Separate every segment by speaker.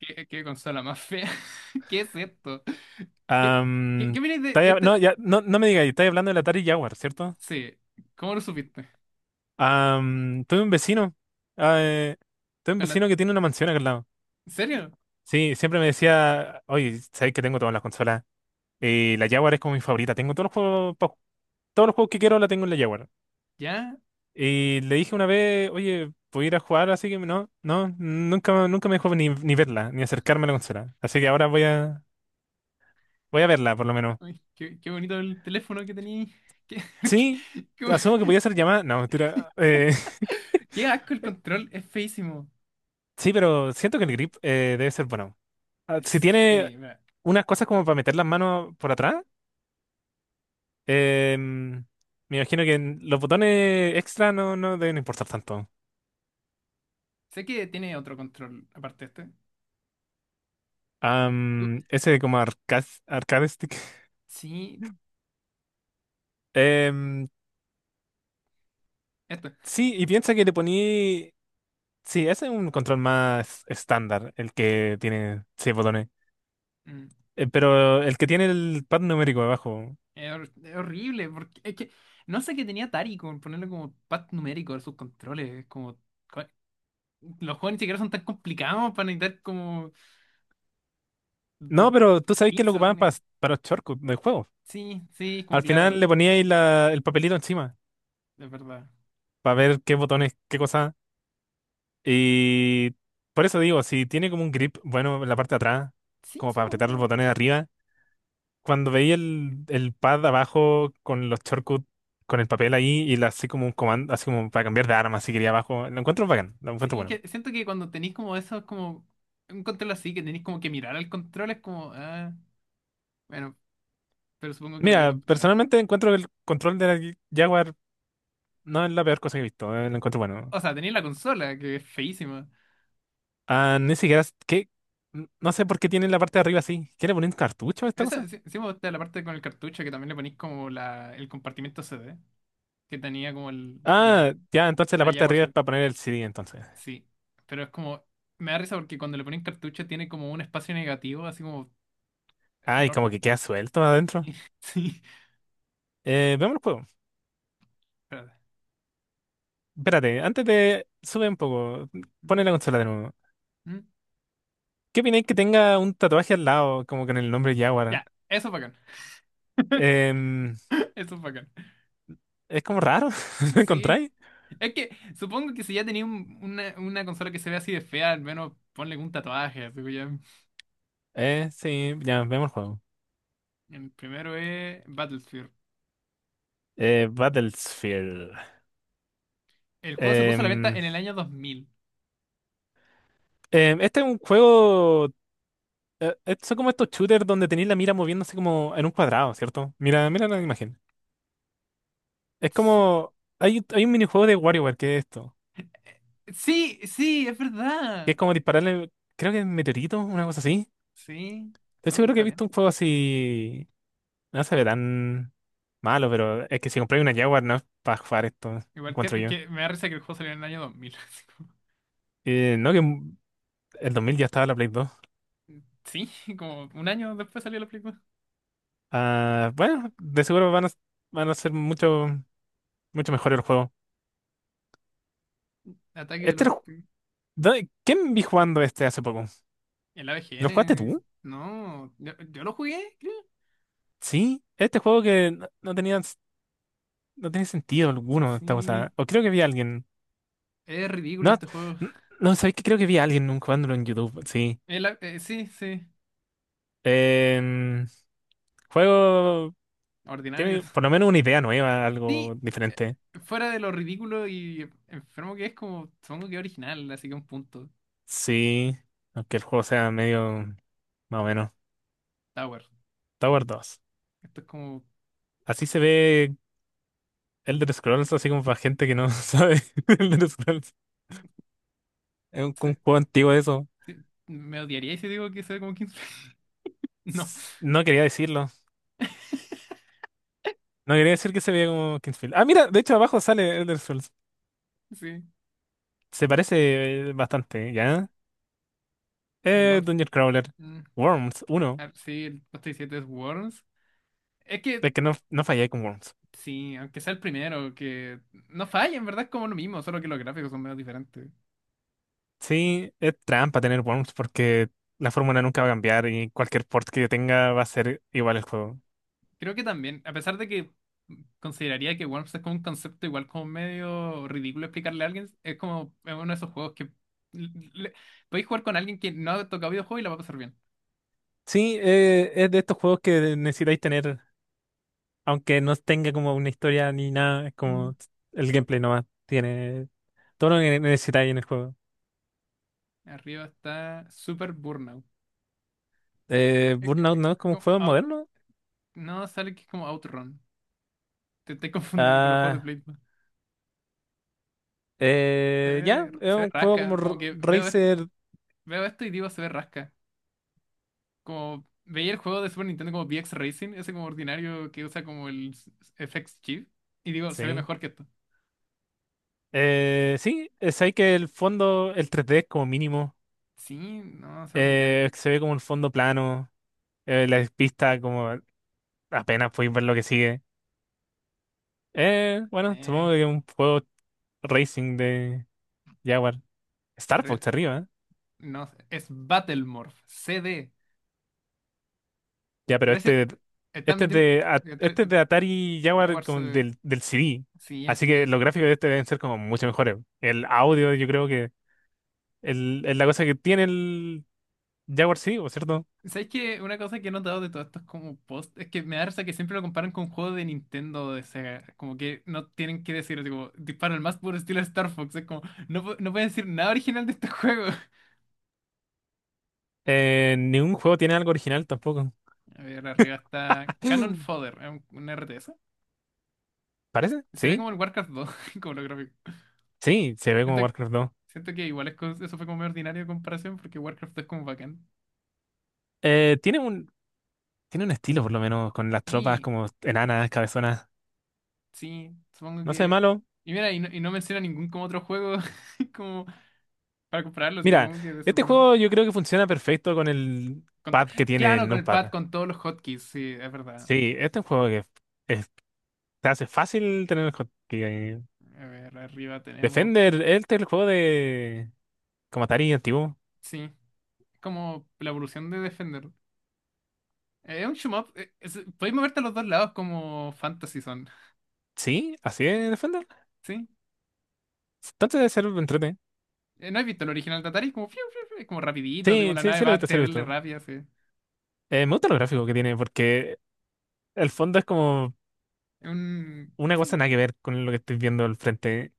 Speaker 1: ¿Qué consola más fea? ¿Qué es esto? ¿Qué, qué,
Speaker 2: Am,
Speaker 1: qué opinas de
Speaker 2: Estáis no,
Speaker 1: este?
Speaker 2: ya, no, no me digáis, estáis hablando del Atari Jaguar, ¿cierto?
Speaker 1: Sí, ¿cómo lo supiste?
Speaker 2: Am, eh, tuve un
Speaker 1: ¿Con la-
Speaker 2: vecino que tiene una mansión acá al lado.
Speaker 1: ¿En serio?
Speaker 2: Sí, siempre me decía, oye, sabéis que tengo todas las consolas. Y la Jaguar es como mi favorita. Tengo todos los juegos, todos los juegos que quiero la tengo en la Jaguar.
Speaker 1: ¿Ya?
Speaker 2: Y le dije una vez, oye, ¿puedo ir a jugar? Así que no, no, nunca, nunca me dejó ni verla, ni acercarme a la consola. Así que ahora voy a verla, por lo menos.
Speaker 1: Ay, qué bonito el teléfono que tenías. ¿Qué?
Speaker 2: Sí,
Speaker 1: qué,
Speaker 2: asumo que podía ser
Speaker 1: qué-
Speaker 2: llamada. No, mentira.
Speaker 1: qué asco el control, es feísimo.
Speaker 2: Sí, pero siento que el grip debe ser bueno. Ah, si tiene
Speaker 1: Sí, mira,
Speaker 2: unas cosas como para meter las manos por atrás, em, me imagino que los botones extra no deben importar tanto.
Speaker 1: sé que tiene otro control aparte de este.
Speaker 2: Ese como arcade stick.
Speaker 1: Sí,
Speaker 2: Em,
Speaker 1: esto.
Speaker 2: sí, y piensa que le poní. Sí, ese es un control más estándar, el que tiene seis botones.
Speaker 1: Mm.
Speaker 2: Pero el que tiene el pad numérico abajo.
Speaker 1: Es horrible, porque es que no sé qué tenía Atari con ponerle como pad numérico a sus controles. Es como. Los juegos ni siquiera son tan complicados para necesitar como
Speaker 2: No,
Speaker 1: do-
Speaker 2: pero tú sabes que lo
Speaker 1: 15
Speaker 2: ocupaban
Speaker 1: botones.
Speaker 2: para los shortcuts del juego.
Speaker 1: Sí, sí, como
Speaker 2: Al
Speaker 1: claro,
Speaker 2: final le ponía ahí el papelito encima.
Speaker 1: es verdad.
Speaker 2: Para ver qué botones, qué cosa. Y por eso digo, si tiene como un grip bueno en la parte de atrás,
Speaker 1: Sí,
Speaker 2: como para apretar los
Speaker 1: supongo.
Speaker 2: botones de arriba, cuando veía el pad abajo con los shortcuts, con el papel ahí y así como un comando, así como para cambiar de arma, si quería abajo, lo encuentro bacán, lo encuentro
Speaker 1: Sí,
Speaker 2: bueno.
Speaker 1: que siento que cuando tenéis como eso, es como un control así, que tenéis como que mirar al control, es como, ah, bueno, pero supongo que te puede
Speaker 2: Mira,
Speaker 1: acostumbrar.
Speaker 2: personalmente encuentro que el control de la Jaguar no es la peor cosa que he visto, lo encuentro bueno.
Speaker 1: O sea, tenéis la consola, que es feísima.
Speaker 2: Ah, ni siquiera, ¿qué? No sé por qué tiene la parte de arriba así. ¿Quiere poner un cartucho a esta
Speaker 1: Esa,
Speaker 2: cosa?
Speaker 1: sí, sí me gusta la parte con el cartucho, que también le ponéis como la, el compartimento CD, que tenía como
Speaker 2: Ah,
Speaker 1: la,
Speaker 2: ya, entonces la
Speaker 1: la
Speaker 2: parte de
Speaker 1: Jaguar.
Speaker 2: arriba es para poner el CD, entonces.
Speaker 1: Sí, pero es como, me da risa porque cuando le ponen cartucho tiene como un espacio negativo, así como
Speaker 2: Ay, como
Speaker 1: enorme.
Speaker 2: que queda suelto adentro.
Speaker 1: Sí,
Speaker 2: Veamos el juego.
Speaker 1: espérate.
Speaker 2: Espérate, antes de. Sube un poco.
Speaker 1: Mm,
Speaker 2: Pone la consola de nuevo.
Speaker 1: mm.
Speaker 2: ¿Qué opináis que tenga un tatuaje al lado, como con el nombre Jaguar?
Speaker 1: Ya, eso es bacán.
Speaker 2: Em,
Speaker 1: Eso es bacán.
Speaker 2: es como raro. ¿Lo
Speaker 1: Sí,
Speaker 2: encontráis?
Speaker 1: es que supongo que si ya tenía una consola que se ve así de fea, al menos ponle un tatuaje, así que ya.
Speaker 2: Sí, ya, veamos el juego.
Speaker 1: El primero es Battlefield.
Speaker 2: Battlefield.
Speaker 1: El juego se puso a la venta
Speaker 2: Em,
Speaker 1: en el año 2000.
Speaker 2: este es un juego. Son como estos shooters donde tenéis la mira moviéndose como en un cuadrado, ¿cierto? Mira, mira la imagen. Es
Speaker 1: Sí,
Speaker 2: como. Hay un minijuego de WarioWare que es esto.
Speaker 1: sí, sí, es
Speaker 2: Que es
Speaker 1: verdad.
Speaker 2: como dispararle, creo que meteorito, una cosa así.
Speaker 1: Sí,
Speaker 2: Estoy
Speaker 1: supongo que
Speaker 2: seguro que he
Speaker 1: está bien.
Speaker 2: visto un juego así, no se ve tan malo, pero es que si compráis una Jaguar no es para jugar esto,
Speaker 1: Igual que,
Speaker 2: encuentro yo.
Speaker 1: que me da risa que el juego salió en el año 2000.
Speaker 2: No, el 2000 ya estaba la Play 2.
Speaker 1: Sí, como un año después salió la película.
Speaker 2: Ah, bueno, de seguro van a ser mucho, mucho mejores los juegos.
Speaker 1: Ataque de
Speaker 2: Este,
Speaker 1: los...
Speaker 2: lo ju- ¿Quién vi jugando este hace poco?
Speaker 1: El
Speaker 2: ¿Lo jugaste
Speaker 1: AVGN.
Speaker 2: tú?
Speaker 1: No, yo lo jugué, creo.
Speaker 2: Sí, este juego que no tenía, no tenía sentido alguno, esta
Speaker 1: Sí,
Speaker 2: cosa. O creo que vi a alguien.
Speaker 1: es ridículo
Speaker 2: No,
Speaker 1: este juego.
Speaker 2: n- no, sabéis que creo que vi a alguien jugándolo en YouTube, sí.
Speaker 1: Sí, sí,
Speaker 2: Em, Juego
Speaker 1: ordinario.
Speaker 2: tiene por lo menos una idea nueva,
Speaker 1: Sí,
Speaker 2: algo
Speaker 1: eh,
Speaker 2: diferente.
Speaker 1: fuera de lo ridículo y enfermo que es, como supongo que es original, así que un punto.
Speaker 2: Sí, aunque el juego sea medio más o menos.
Speaker 1: Tower.
Speaker 2: Tower 2.
Speaker 1: Esto es como...
Speaker 2: Así se ve Elder Scrolls, así como para gente que no sabe de Elder Scrolls. Es un
Speaker 1: se-
Speaker 2: juego antiguo de eso.
Speaker 1: se- me odiaría si digo que se ve como 15. No,
Speaker 2: No quería decirlo. No quería decir que se veía como Kingsfield. Ah, mira, de hecho abajo sale Elder Scrolls.
Speaker 1: sí.
Speaker 2: Se parece bastante, ¿ya?
Speaker 1: El Worms.
Speaker 2: Dungeon Crawler.
Speaker 1: mm,
Speaker 2: Worms 1.
Speaker 1: sí, el 27 es Worms. Es que
Speaker 2: Es que no fallé con Worms.
Speaker 1: sí, aunque sea el primero, que no falla, en verdad es como lo mismo, solo que los gráficos son menos diferentes.
Speaker 2: Sí, es trampa tener worms porque la fórmula nunca va a cambiar y cualquier port que yo tenga va a ser igual el juego.
Speaker 1: Creo que también, a pesar de que consideraría que Worms es como un concepto igual como medio ridículo explicarle a alguien, es como es uno de esos juegos que l- le- podéis jugar con alguien que no ha tocado videojuegos y la va a pasar bien.
Speaker 2: Sí, es de estos juegos que necesitáis tener, aunque no tenga como una historia ni nada, es
Speaker 1: Mm.
Speaker 2: como el gameplay nomás tiene todo lo que necesitáis en el juego.
Speaker 1: Arriba está Super Burnout.
Speaker 2: Burnout no es como un
Speaker 1: Como
Speaker 2: juego moderno.
Speaker 1: no, sale que es como Outrun. Te estoy confundiendo con los juegos de
Speaker 2: Ah,
Speaker 1: Play. Se
Speaker 2: ya,
Speaker 1: ve,
Speaker 2: es
Speaker 1: se ve
Speaker 2: un juego como
Speaker 1: rasca, como que veo,
Speaker 2: Racer.
Speaker 1: veo esto y digo se ve rasca. Como veía el juego de Super Nintendo como VX Racing, ese como ordinario que usa como el FX chip, y digo, se ve
Speaker 2: Sí.
Speaker 1: mejor que esto.
Speaker 2: Sí, es ahí que el fondo, el 3D es como mínimo.
Speaker 1: Sí, no, es ordinario.
Speaker 2: Se ve como un fondo plano. La pista como apenas puedes ver lo que sigue. Bueno,
Speaker 1: Eh,
Speaker 2: supongo que un juego racing de Jaguar. Star
Speaker 1: re-
Speaker 2: Fox arriba, ¿eh?
Speaker 1: no, sé, es Battlemorph, CD.
Speaker 2: Ya, pero
Speaker 1: Gracias,
Speaker 2: este,
Speaker 1: están
Speaker 2: este es
Speaker 1: metiendo.
Speaker 2: de, a- este es
Speaker 1: está-
Speaker 2: de Atari Jaguar
Speaker 1: Jaguars,
Speaker 2: como el del CD.
Speaker 1: sí,
Speaker 2: Así
Speaker 1: así
Speaker 2: que
Speaker 1: que.
Speaker 2: los gráficos de este deben ser como mucho mejores. El audio, yo creo que es la cosa que tiene el Jaguar CD, ¿por cierto?
Speaker 1: ¿Sabes qué? Una cosa que he notado de todos estos como posts es que me da risa que siempre lo comparan con juegos de Nintendo o de Sega. Como que no tienen que decir, tipo, dispara el más puro estilo Star Fox. Es como, no, no pueden decir nada original de este juego.
Speaker 2: Ningún juego tiene algo original tampoco.
Speaker 1: A ver, arriba está Cannon Fodder, es un R T S.
Speaker 2: ¿Parece?
Speaker 1: Se ve como
Speaker 2: Sí,
Speaker 1: el Warcraft 2 como lo gráfico.
Speaker 2: sí, se ve como
Speaker 1: Siento,
Speaker 2: Warcraft 2.
Speaker 1: siento que igual es eso fue como muy ordinario de comparación porque Warcraft 2 es como bacán.
Speaker 2: Eh, tiene un, Tiene un estilo, por lo menos, con las tropas
Speaker 1: Y
Speaker 2: como enanas, cabezonas.
Speaker 1: sí, supongo
Speaker 2: No sé,
Speaker 1: que...
Speaker 2: malo.
Speaker 1: Y mira, y no menciona ningún como otro juego como para compararlo, así que
Speaker 2: Mira,
Speaker 1: supongo que debe ser
Speaker 2: este
Speaker 1: bueno.
Speaker 2: juego yo creo que funciona perfecto con el
Speaker 1: Con
Speaker 2: pad que tiene
Speaker 1: claro,
Speaker 2: el
Speaker 1: con el
Speaker 2: numpad.
Speaker 1: pad, con todos los hotkeys, sí, es verdad.
Speaker 2: Sí, este es un juego que es- te hace fácil tener el co-
Speaker 1: A ver, arriba tenemos...
Speaker 2: Defender, este es el juego de como Atari antiguo.
Speaker 1: Sí, es como la evolución de Defender. Es un shoot 'em up, podéis moverte a los dos lados como Fantasy Zone,
Speaker 2: Sí, así es Defender.
Speaker 1: ¿sí?
Speaker 2: Entonces debe ser entrete.
Speaker 1: ¿No has visto el original de Atari? Es como, fiu, fiu, fiu, es como rapidito, así como
Speaker 2: Sí,
Speaker 1: la
Speaker 2: sí,
Speaker 1: nave
Speaker 2: sí lo he
Speaker 1: va
Speaker 2: visto, sí lo he
Speaker 1: terrible
Speaker 2: visto.
Speaker 1: rápida, así. Es
Speaker 2: Me gusta los gráficos que tiene porque el fondo es como
Speaker 1: un...
Speaker 2: una cosa
Speaker 1: sí.
Speaker 2: nada que ver con lo que estoy viendo al frente.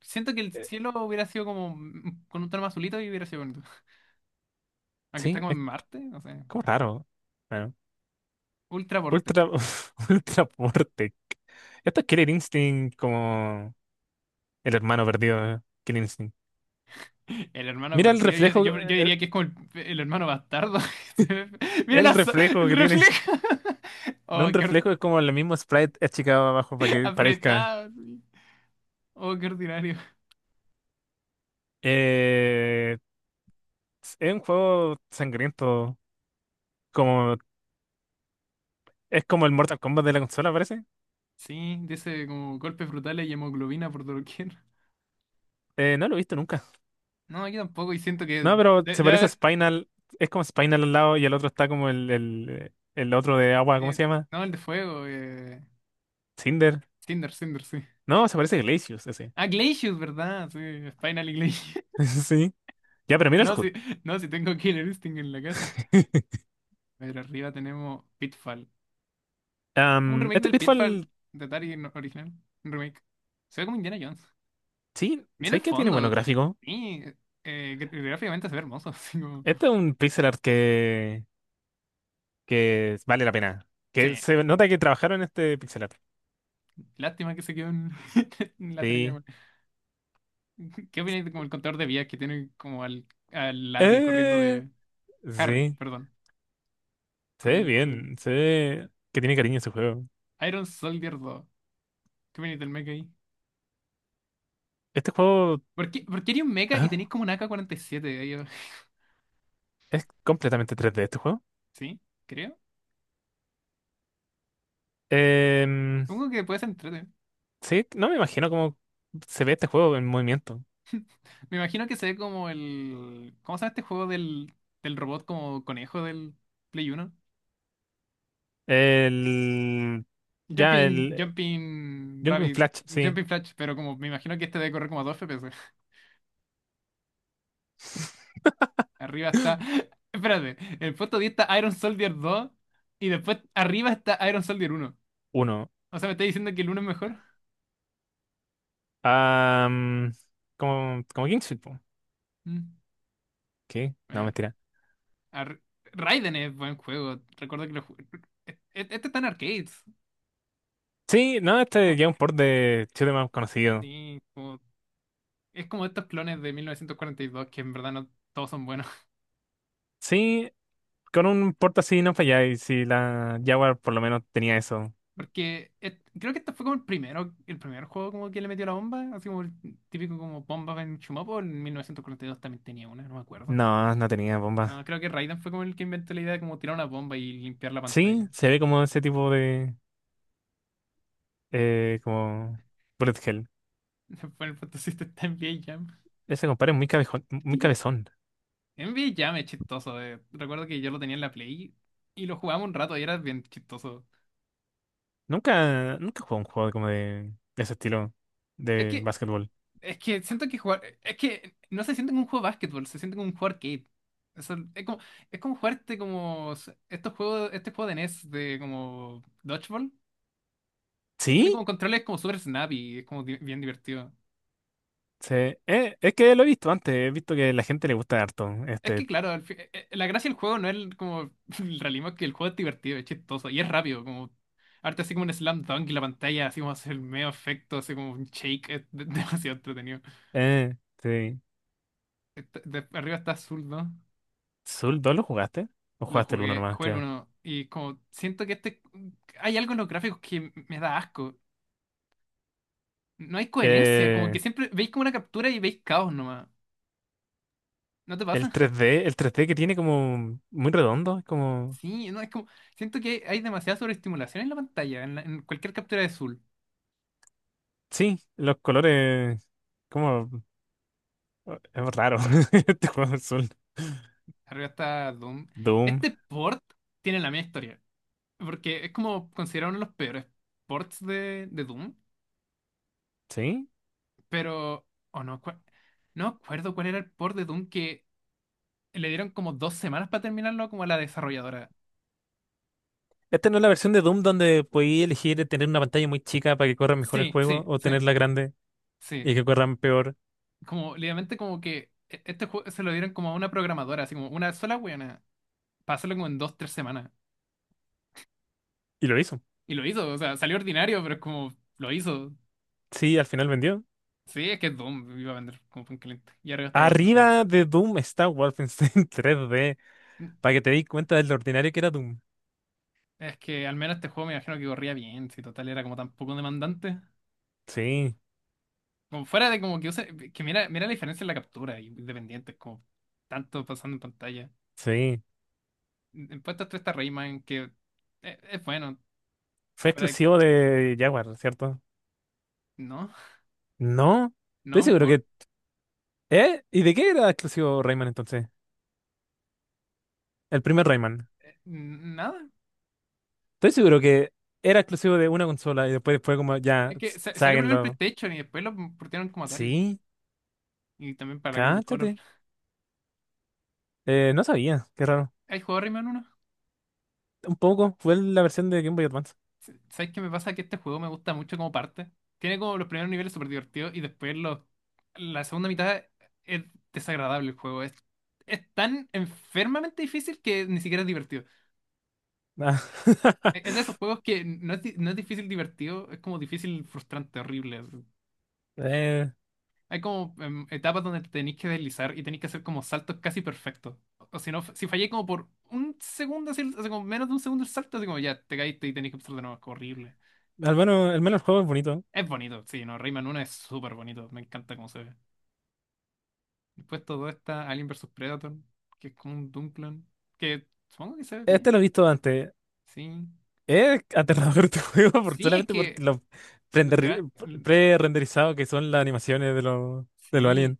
Speaker 1: Siento que el
Speaker 2: Eh,
Speaker 1: cielo hubiera sido como con un tono más azulito y hubiera sido bonito. Aunque está
Speaker 2: Sí,
Speaker 1: como en
Speaker 2: es
Speaker 1: Marte, no sé.
Speaker 2: como raro. Bueno.
Speaker 1: Ultra Vortec.
Speaker 2: Ultra, Ultra Portec. Esto es Killer Instinct como el hermano perdido de Killer Instinct.
Speaker 1: El hermano
Speaker 2: Mira el
Speaker 1: perdido. Yo, yo-
Speaker 2: reflejo,
Speaker 1: yo
Speaker 2: el,
Speaker 1: diría que es como el hermano bastardo. Mira
Speaker 2: el
Speaker 1: la
Speaker 2: reflejo
Speaker 1: el
Speaker 2: que tiene.
Speaker 1: reflejo.
Speaker 2: No
Speaker 1: Oh,
Speaker 2: un
Speaker 1: qué
Speaker 2: reflejo, es como el mismo sprite achicado abajo para que parezca.
Speaker 1: apretado, sí. Oh, qué ordinario.
Speaker 2: Eh, es un juego sangriento. Como, es como el Mortal Kombat de la consola, parece.
Speaker 1: Sí, dice como golpes brutales y hemoglobina por doquier.
Speaker 2: No lo he visto nunca.
Speaker 1: No, yo tampoco. Y siento que
Speaker 2: No, pero se
Speaker 1: debe
Speaker 2: parece a
Speaker 1: haber.
Speaker 2: Spinal. Es como Spinal al lado y el otro está como el otro de agua, ¿cómo
Speaker 1: Eh,
Speaker 2: se llama?
Speaker 1: no, el de fuego.
Speaker 2: Cinder.
Speaker 1: Cinder, Cinder, sí.
Speaker 2: No, se parece a Glacius ese.
Speaker 1: Ah, Glacius, ¿verdad? Sí, Spinal y Glacius.
Speaker 2: Sí. Ya, pero mira el
Speaker 1: No,
Speaker 2: HUD.
Speaker 1: sí, no, sí tengo Killer Instinct en la casa. A ver, arriba tenemos Pitfall. Un remake
Speaker 2: Este
Speaker 1: del Pitfall
Speaker 2: Pitfall,
Speaker 1: de Atari original. Un remake. Se ve como Indiana Jones.
Speaker 2: sí,
Speaker 1: Mira el
Speaker 2: sé que tiene buenos
Speaker 1: fondo.
Speaker 2: gráficos.
Speaker 1: Sí, gráficamente se ve hermoso. Así como...
Speaker 2: Este es un pixel art que vale la pena. Que
Speaker 1: Sí,
Speaker 2: se nota que trabajaron en este pixel art.
Speaker 1: lástima que se quedó en, en la trella.
Speaker 2: Sí.
Speaker 1: ¿Qué opináis de como el contador de vías que tiene como al, al Larry corriendo
Speaker 2: Eh,
Speaker 1: de... Harry,
Speaker 2: sí,
Speaker 1: perdón.
Speaker 2: se ve
Speaker 1: Corriendo, corriendo.
Speaker 2: bien, se ve que tiene cariño ese juego.
Speaker 1: Iron Soldier 2. ¿Qué opináis del mecha ahí?
Speaker 2: Este juego
Speaker 1: ¿Por qué haría un mecha y tenéis
Speaker 2: ah,
Speaker 1: como un AK-47 ahí abajo?
Speaker 2: es completamente 3D, este juego.
Speaker 1: ¿Sí? Creo.
Speaker 2: Em,
Speaker 1: Supongo que puede ser entrete.
Speaker 2: sí, no me imagino cómo se ve este juego en movimiento.
Speaker 1: Me imagino que se ve como el... ¿Cómo se llama este juego del robot como conejo del Play 1?
Speaker 2: El, ya,
Speaker 1: Jumping,
Speaker 2: el
Speaker 1: Jumping
Speaker 2: Jungle
Speaker 1: Rabbit,
Speaker 2: Flash, sí,
Speaker 1: Jumping Flash, pero como me imagino que este debe correr como a 2 FPS. Arriba está... espérate, en el puesto 10 está Iron Soldier 2 y después arriba está Iron Soldier 1.
Speaker 2: uno.
Speaker 1: O sea, ¿me estáis diciendo que el uno es mejor?
Speaker 2: Am, como, Kingsfield, po.
Speaker 1: Mm,
Speaker 2: ¿Qué? No,
Speaker 1: bueno.
Speaker 2: mentira.
Speaker 1: Ar- Raiden es buen juego. Recuerdo que lo ju- e- e- este está en arcades.
Speaker 2: Sí, no, este
Speaker 1: Co-
Speaker 2: ya es un port de Chile más conocido.
Speaker 1: sí, es como estos clones de 1942 que en verdad no todos son buenos.
Speaker 2: Sí, con un port así no falláis. Si la Jaguar por lo menos tenía eso.
Speaker 1: Porque creo que este fue como el primero, el primer juego como que le metió la bomba. Así como el típico como bomba en Chumopo. En 1942 también tenía una, no me acuerdo.
Speaker 2: No, no tenía
Speaker 1: No,
Speaker 2: bomba.
Speaker 1: creo que Raiden fue como el que inventó la idea de como tirar una bomba y limpiar la
Speaker 2: Sí,
Speaker 1: pantalla.
Speaker 2: se ve como ese tipo de. Como. Bullet Hell.
Speaker 1: Fue el Fantasy Star en VIA Jam.
Speaker 2: Ese compadre es muy cabezón, muy
Speaker 1: Sí.
Speaker 2: cabezón.
Speaker 1: NBA Jam es chistoso. Recuerdo que yo lo tenía en la Play y lo jugaba un rato y era bien chistoso.
Speaker 2: Nunca, nunca jugó un juego como de ese estilo
Speaker 1: Es
Speaker 2: de
Speaker 1: que,
Speaker 2: básquetbol.
Speaker 1: es que siento que jugar, es que no se siente como un juego de básquetbol, se siente como un juego arcade. Eso- es como, es como jugarte como estos juegos, este juego de NES de como Dodgeball. Tiene
Speaker 2: ¿Sí?
Speaker 1: como controles como super snappy, es como bien divertido.
Speaker 2: Sí, es que lo he visto antes, he visto que a la gente le gusta harto
Speaker 1: Es que
Speaker 2: este.
Speaker 1: claro, la gracia del juego no es como el realismo, es que el juego es divertido, es chistoso y es rápido, como arte así como un slam dunk y la pantalla así como hace el medio efecto, así como un shake, es demasiado entretenido.
Speaker 2: Eh, sí.
Speaker 1: Arriba está azul, ¿no?
Speaker 2: ¿Soul 2 lo jugaste? ¿O
Speaker 1: Lo
Speaker 2: jugaste el uno
Speaker 1: jugué,
Speaker 2: nomás,
Speaker 1: jugué el
Speaker 2: creo?
Speaker 1: uno y como siento que este hay algo en los gráficos que me da asco. No hay coherencia, como que
Speaker 2: Eh,
Speaker 1: siempre veis como una captura y veis caos nomás. ¿No te pasa?
Speaker 2: el 3D, el 3D que tiene como muy redondo, es como.
Speaker 1: Sí, no, es como siento que hay demasiada sobreestimulación en la pantalla, en, en cualquier captura de azul.
Speaker 2: Sí, los colores. Como. Oh, es raro. Este juego es Soul.
Speaker 1: Arriba está Doom.
Speaker 2: Doom,
Speaker 1: Este port tiene la misma historia. Porque es como considerado uno de los peores ports de Doom.
Speaker 2: ¿sí?
Speaker 1: Pero. O no, no acuerdo cuál era el port de Doom que le dieron como dos semanas para terminarlo como a la desarrolladora.
Speaker 2: Esta no es la versión de Doom donde podía elegir tener una pantalla muy chica para que corra mejor el
Speaker 1: Sí,
Speaker 2: juego
Speaker 1: sí,
Speaker 2: o
Speaker 1: sí,
Speaker 2: tenerla grande
Speaker 1: sí.
Speaker 2: y que corran peor.
Speaker 1: Como, literalmente como que este juego se lo dieron como a una programadora, así como una sola weona. Para hacerlo como en dos, tres semanas.
Speaker 2: Y lo hizo.
Speaker 1: Y lo hizo, o sea, salió ordinario, pero es como lo hizo.
Speaker 2: Sí, al final vendió.
Speaker 1: Sí, es que es Doom, iba a vender como pan caliente. Y arriba está Wolfenstein.
Speaker 2: Arriba de Doom está Wolfenstein 3D para que te des cuenta de lo ordinario que era Doom.
Speaker 1: Es que al menos este juego me imagino que corría bien, si total era como tan poco demandante.
Speaker 2: Sí,
Speaker 1: Como fuera de como que que mira la diferencia en la captura, y independiente, como tanto pasando en pantalla.
Speaker 2: sí,
Speaker 1: En puestos 3 está Rayman, que es bueno,
Speaker 2: fue
Speaker 1: fuera de-
Speaker 2: exclusivo de Jaguar, ¿cierto?
Speaker 1: no,
Speaker 2: No, estoy
Speaker 1: no
Speaker 2: seguro
Speaker 1: importa,
Speaker 2: que. ¿Eh? ¿Y de qué era exclusivo Rayman entonces? El primer Rayman.
Speaker 1: nada.
Speaker 2: Estoy seguro que era exclusivo de una consola y después fue como, ya,
Speaker 1: Es que salió primero el
Speaker 2: sáquenlo.
Speaker 1: PlayStation y después lo portaron como Atari,
Speaker 2: Sí,
Speaker 1: y también para la Game Boy Color.
Speaker 2: cáchate. No sabía, qué raro.
Speaker 1: ¿Hay jugado Rayman 1?
Speaker 2: Un poco, fue la versión de Game Boy Advance.
Speaker 1: ¿Sabes qué me pasa? Que este juego me gusta mucho como parte. Tiene como los primeros niveles súper divertidos y después la segunda mitad es desagradable el juego. Es tan enfermamente difícil que ni siquiera es divertido.
Speaker 2: Ah.
Speaker 1: Es de esos juegos que no es difícil divertido, es como difícil frustrante, horrible, así.
Speaker 2: Eh,
Speaker 1: Hay como etapas donde te tenéis que deslizar y tenéis que hacer como saltos casi perfectos. O si no, si fallé como por un segundo, así, así como menos de un segundo el salto, así como ya te caíste y tenéis que empezar de nuevo. Es horrible.
Speaker 2: Al menos, al menos el juego es bonito.
Speaker 1: Es bonito, sí, no, Rayman 1 es súper bonito, me encanta cómo se ve. Después todo está Alien vs Predator, que es como un Doom clon, que supongo que se ve
Speaker 2: Este lo he
Speaker 1: bien,
Speaker 2: visto antes.
Speaker 1: sí.
Speaker 2: Es aterrador tu juego por,
Speaker 1: Sí, es
Speaker 2: solamente por
Speaker 1: que
Speaker 2: lo
Speaker 1: lo gra-
Speaker 2: prender-
Speaker 1: l-
Speaker 2: pre-renderizado que son las animaciones de los
Speaker 1: sí,
Speaker 2: aliens.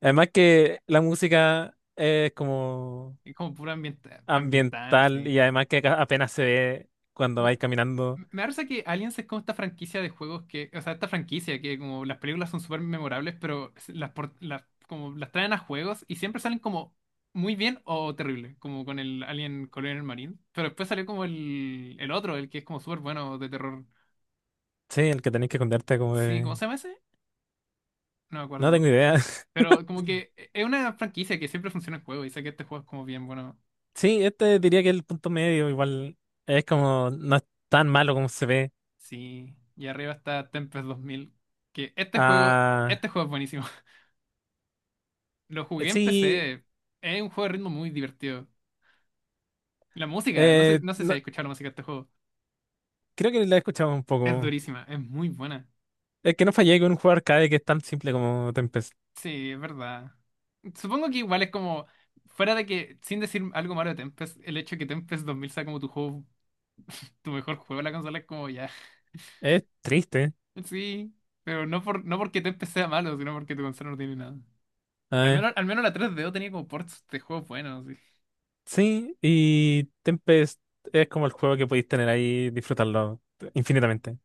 Speaker 2: Además que la música es como
Speaker 1: es como puro ambiental,
Speaker 2: ambiental
Speaker 1: sí.
Speaker 2: y además que apenas se ve cuando
Speaker 1: Como-
Speaker 2: vais caminando.
Speaker 1: me parece que Aliens es como esta franquicia de juegos que, o sea, esta franquicia que como las películas son súper memorables, pero como las traen a juegos y siempre salen como muy bien o terrible, como con el Alien Colonial Marine. Pero después salió como el otro, el que es como súper bueno de terror.
Speaker 2: Sí, el que tenéis que esconderte como
Speaker 1: Sí, ¿cómo
Speaker 2: de.
Speaker 1: se llama ese? No me
Speaker 2: No
Speaker 1: acuerdo.
Speaker 2: tengo idea.
Speaker 1: Pero como que es una franquicia que siempre funciona en juego y sé que este juego es como bien bueno.
Speaker 2: Sí, este diría que es el punto medio igual es como no es tan malo como se ve.
Speaker 1: Sí, y arriba está Tempest 2000, que este juego,
Speaker 2: Ah,
Speaker 1: este juego es buenísimo. Lo jugué en
Speaker 2: sí,
Speaker 1: PC. Es un juego de ritmo muy divertido. La música, no sé,
Speaker 2: eh,
Speaker 1: no sé si has
Speaker 2: no-
Speaker 1: escuchado la música de este juego.
Speaker 2: creo que la he escuchado un
Speaker 1: Es
Speaker 2: poco.
Speaker 1: durísima, es muy buena.
Speaker 2: Es que no fallé con un juego arcade que es tan simple como Tempest.
Speaker 1: Sí, es verdad. Supongo que igual es como, fuera de que, sin decir algo malo de Tempest, el hecho de que Tempest 2000 sea como tu juego, tu mejor juego de la consola es como ya.
Speaker 2: Es triste.
Speaker 1: Sí, pero no por, no porque Tempest sea malo, sino porque tu consola no tiene nada.
Speaker 2: A ver.
Speaker 1: Al menos la 3D o tenía como ports de juegos buenos, sí.
Speaker 2: Sí, y Tempest es como el juego que podéis tener ahí, disfrutarlo infinitamente.